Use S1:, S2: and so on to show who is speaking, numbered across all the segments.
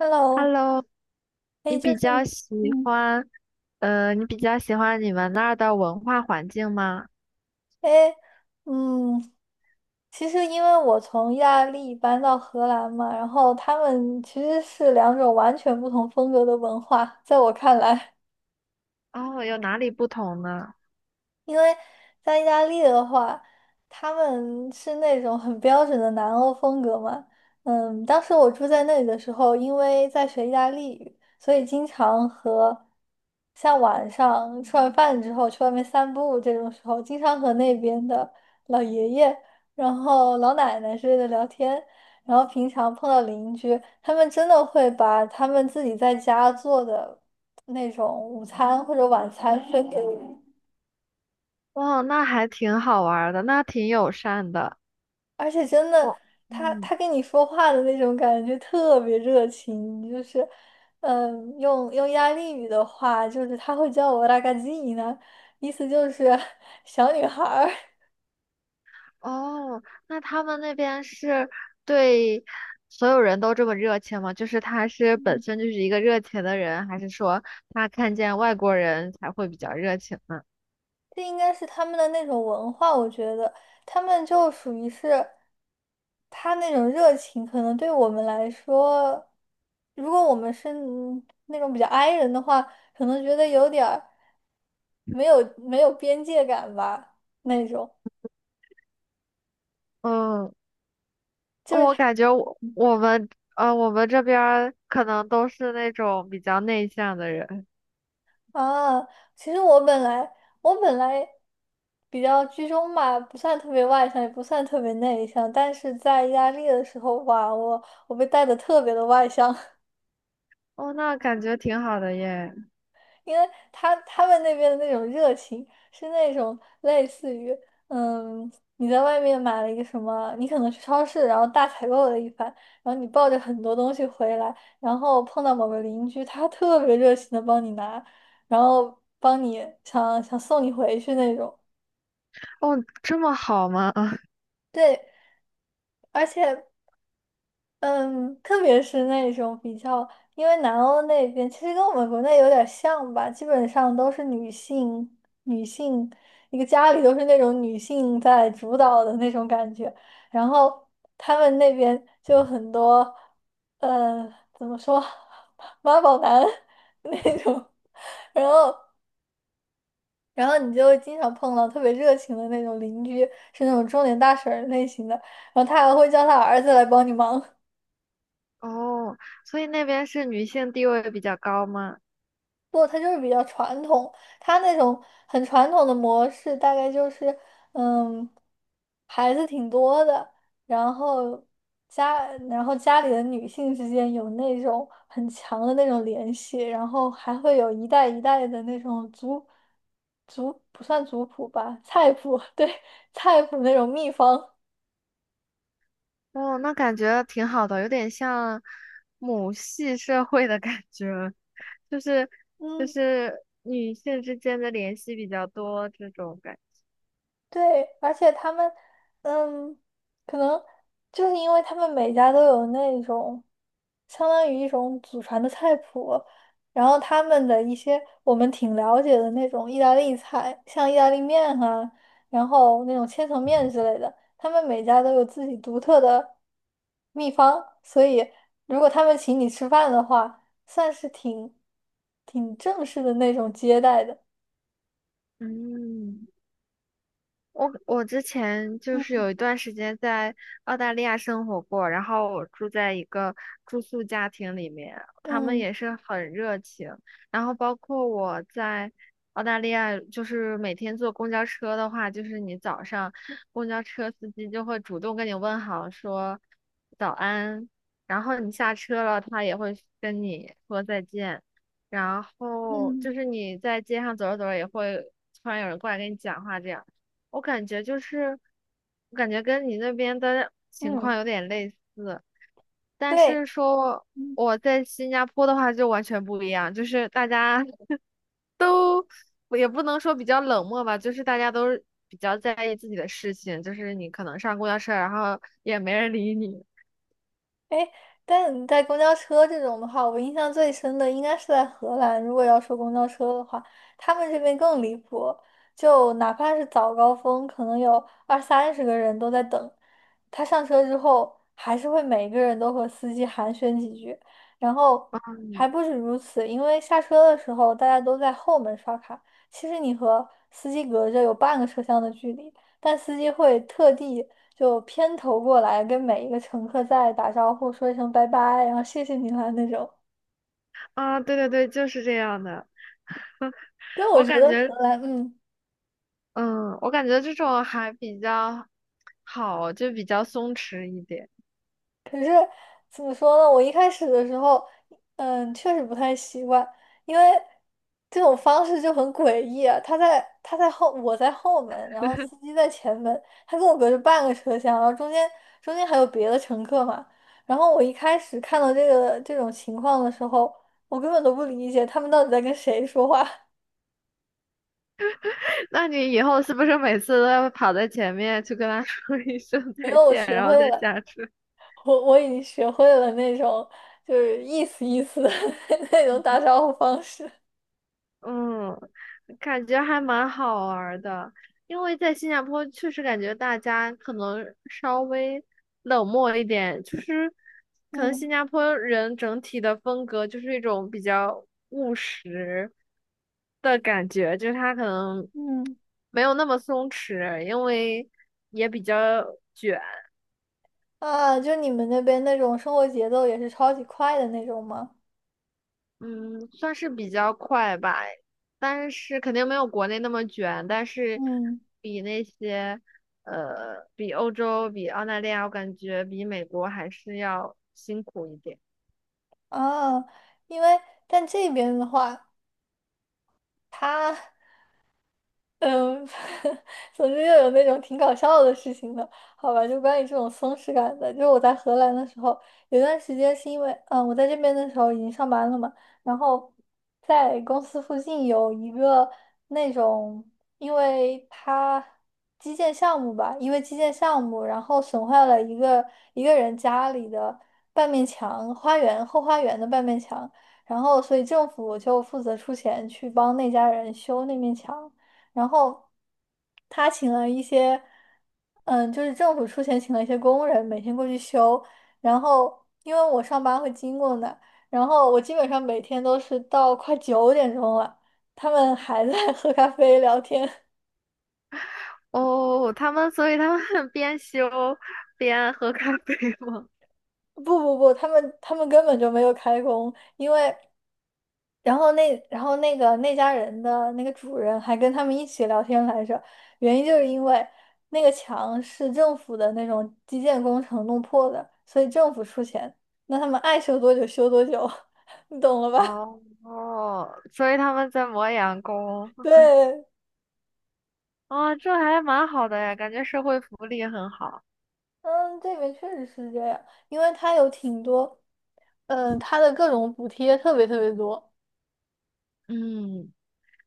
S1: Hello，
S2: Hello，你
S1: 哎，就
S2: 比
S1: 是，
S2: 较喜
S1: 嗯，
S2: 欢，你比较喜欢你们那儿的文化环境吗？
S1: 哎，嗯，其实因为我从意大利搬到荷兰嘛，然后他们其实是两种完全不同风格的文化，在我看来。
S2: 哦，有哪里不同呢？
S1: 因为在意大利的话，他们是那种很标准的南欧风格嘛。当时我住在那里的时候，因为在学意大利语，所以经常和像晚上吃完饭之后去外面散步这种时候，经常和那边的老爷爷、然后老奶奶之类的聊天。然后平常碰到邻居，他们真的会把他们自己在家做的那种午餐或者晚餐分给我。
S2: 哦，那还挺好玩儿的，那挺友善的。
S1: 而且真的，
S2: 哦，
S1: 他
S2: 嗯，
S1: 他跟你说话的那种感觉特别热情，就是，用意大利语的话，就是他会叫我拉 a g a z 意思就是 小女孩儿。
S2: 哦，那他们那边是对所有人都这么热情吗？就是他是本身就是一个热情的人，还是说他看见外国人才会比较热情呢？
S1: 这应该是他们的那种文化，我觉得他们就属于是他那种热情，可能对我们来说，如果我们是那种比较 i 人的话，可能觉得有点儿没有边界感吧，那种。
S2: 嗯。
S1: 就是
S2: 我
S1: 他。
S2: 感觉我我们呃，我们这边儿可能都是那种比较内向的人。
S1: 啊，其实我本来我本来比较居中吧，不算特别外向，也不算特别内向，但是在意大利的时候，哇，我被带的特别的外向。
S2: 哦，那感觉挺好的耶。
S1: 因为他们那边的那种热情是那种类似于，嗯，你在外面买了一个什么，你可能去超市，然后大采购了一番，然后你抱着很多东西回来，然后碰到某个邻居，他特别热情的帮你拿，然后帮你想想送你回去那种。
S2: 哦，这么好吗？
S1: 对，而且，嗯，特别是那种比较，因为南欧那边其实跟我们国内有点像吧，基本上都是女性，女性一个家里都是那种女性在主导的那种感觉，然后他们那边就有很多，呃，怎么说，妈宝男 那种，然后，然后你就会经常碰到特别热情的那种邻居，是那种中年大婶儿类型的，然后他还会叫他儿子来帮你忙。
S2: 哦，所以那边是女性地位比较高吗？
S1: 不，他就是比较传统，他那种很传统的模式，大概就是，嗯，孩子挺多的，然后然后家里的女性之间有那种很强的那种联系，然后还会有一代一代的那种族不算族谱吧，菜谱，对，菜谱那种秘方，
S2: 哦，那感觉挺好的，有点像母系社会的感觉，就是就
S1: 嗯。
S2: 是女性之间的联系比较多这种感觉。
S1: 对，而且他们，嗯，可能就是因为他们每家都有那种相当于一种祖传的菜谱，然后他们的一些我们挺了解的那种意大利菜，像意大利面啊，然后那种千层面之类的，他们每家都有自己独特的秘方，所以如果他们请你吃饭的话，算是挺正式的那种接待的。
S2: 嗯。我之前就是
S1: 嗯
S2: 有一段时间在澳大利亚生活过，然后我住在一个住宿家庭里面，他们
S1: 嗯
S2: 也是很热情。然后包括我在澳大利亚，就是每天坐公交车的话，就是你早上公交车司机就会主动跟你问好，说早安，然后你下车了，他也会跟你说再见。然后
S1: 嗯
S2: 就是你在街上走着走着，也会突然有人过来跟你讲话这样。我感觉就是，我感觉跟你那边的情
S1: 嗯，
S2: 况有点类似，但是
S1: 对。
S2: 说
S1: 嗯，
S2: 我在新加坡的话就完全不一样，就是大家也不能说比较冷漠吧，就是大家都是比较在意自己的事情，就是你可能上公交车，然后也没人理你
S1: 哎，但你在公交车这种的话，我印象最深的应该是在荷兰。如果要说公交车的话，他们这边更离谱，就哪怕是早高峰，可能有二三十个人都在等。他上车之后，还是会每个人都和司机寒暄几句，然后还不止如此，因为下车的时候大家都在后门刷卡，其实你和司机隔着有半个车厢的距离。但司机会特地就偏头过来跟每一个乘客再打招呼，说一声拜拜，然后谢谢你啦那种。
S2: 啊，对对对，就是这样的。
S1: 但我
S2: 我
S1: 觉
S2: 感
S1: 得
S2: 觉，
S1: 荷兰，嗯。
S2: 嗯，我感觉这种还比较好，就比较松弛一点。
S1: 可是怎么说呢？我一开始的时候，确实不太习惯，因为这种方式就很诡异啊。他在后，我在后门，然后司机在前门，他跟我隔着半个车厢，然后中间还有别的乘客嘛。然后我一开始看到这种情况的时候，我根本都不理解他们到底在跟谁说话。
S2: 那你以后是不是每次都要跑在前面去跟他说一声
S1: 然
S2: 再
S1: 后我
S2: 见，
S1: 学
S2: 然后
S1: 会
S2: 再
S1: 了，
S2: 下车？
S1: 我已经学会了那种就是意思意思的 那种打招呼方式。
S2: 嗯，感觉还蛮好玩儿的，因为在新加坡确实感觉大家可能稍微冷漠一点，就是可能新
S1: 嗯
S2: 加坡人整体的风格就是一种比较务实的感觉，就是他可能
S1: 嗯。
S2: 没有那么松弛，因为也比较。
S1: 啊，就你们那边那种生活节奏也是超级快的那种吗？
S2: 嗯，算是比较快吧，但是肯定没有国内那么卷，但是
S1: 嗯，
S2: 比那些呃，比欧洲、比澳大利亚，我感觉比美国还是要辛苦一点。
S1: 啊，因为但这边的话，它嗯，总之又有那种挺搞笑的事情的，好吧？就关于这种松弛感的，就是我在荷兰的时候，有段时间是因为，我在这边的时候已经上班了嘛，然后在公司附近有一个那种，因为它基建项目吧，因为基建项目，然后损坏了一个人家里的半面墙，花园后花园的半面墙，然后所以政府就负责出钱去帮那家人修那面墙。然后他请了一些，就是政府出钱请了一些工人，每天过去修。然后因为我上班会经过那儿然后我基本上每天都是到快9点钟了，他们还在 喝咖啡聊天。
S2: 哦，他们，所以他们 边修边喝咖啡吗？
S1: 不不不，他们根本就没有开工，因为那家人的那个主人还跟他们一起聊天来着，原因就是因为那个墙是政府的那种基建工程弄破的，所以政府出钱，那他们爱修多久修多久，你懂了 吧？
S2: 哦，哦，所以他们在磨洋工。
S1: 对，
S2: 哦，这还蛮好的呀，感觉社会福利很好。
S1: 嗯，这边确实是这样，因为它有挺多，它的各种补贴特别特别多。
S2: 嗯。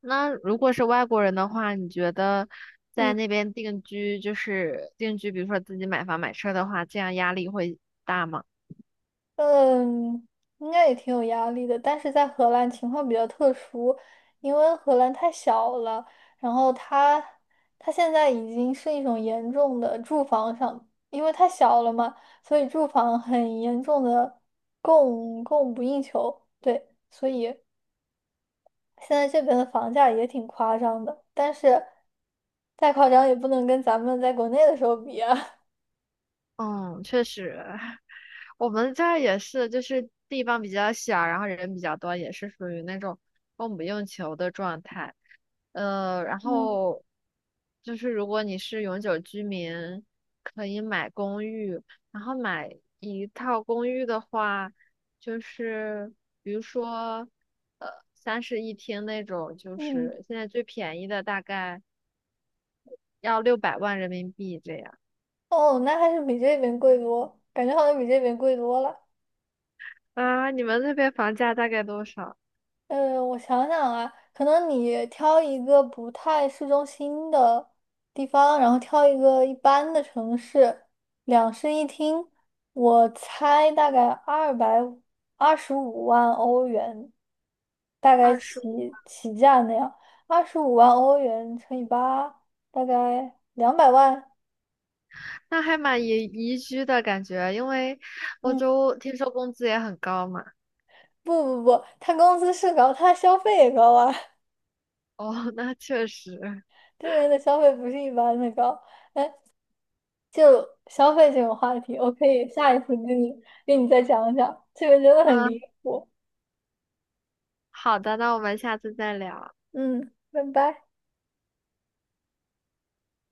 S2: 那如果是外国人的话，你觉得在
S1: 嗯。
S2: 那边定居，就是定居，比如说自己买房买车的话，这样压力会大吗？
S1: 嗯，应该也挺有压力的，但是在荷兰情况比较特殊，因为荷兰太小了，然后它现在已经是一种严重的住房上，因为太小了嘛，所以住房很严重的供不应求，对，所以现在这边的房价也挺夸张的，但是再夸张也不能跟咱们在国内的时候比啊。
S2: 嗯，确实，我们这儿也是，就是地方比较小，然后人比较多，也是属于那种供不应求的状态。然
S1: 嗯
S2: 后就是如果你是永久居民，可以买公寓，然后买一套公寓的话，就是比如说呃三室一厅那种，就
S1: 嗯，
S2: 是现在最便宜的大概要600万人民币这样。
S1: 哦，那还是比这边贵多，感觉好像比这边贵多了。
S2: 啊，你们那边房价大概多少？
S1: 我想想啊，可能你挑一个不太市中心的地方，然后挑一个一般的城市，两室一厅，我猜大概225万欧元，大概
S2: 二十
S1: 起价那样，二十五万欧元乘以八，大概200万。
S2: 那还蛮宜居的感觉，因为欧
S1: 嗯，
S2: 洲听说工资也很高嘛。
S1: 不不不，他工资是高，他消费也高啊，
S2: 哦，那确实。
S1: 这人的消费不是一般的高。就消费这个话题，我可以下一次跟你再讲讲，这个真的很离
S2: 嗯，
S1: 谱。
S2: 好的，那我们下次再聊。
S1: 嗯，拜拜。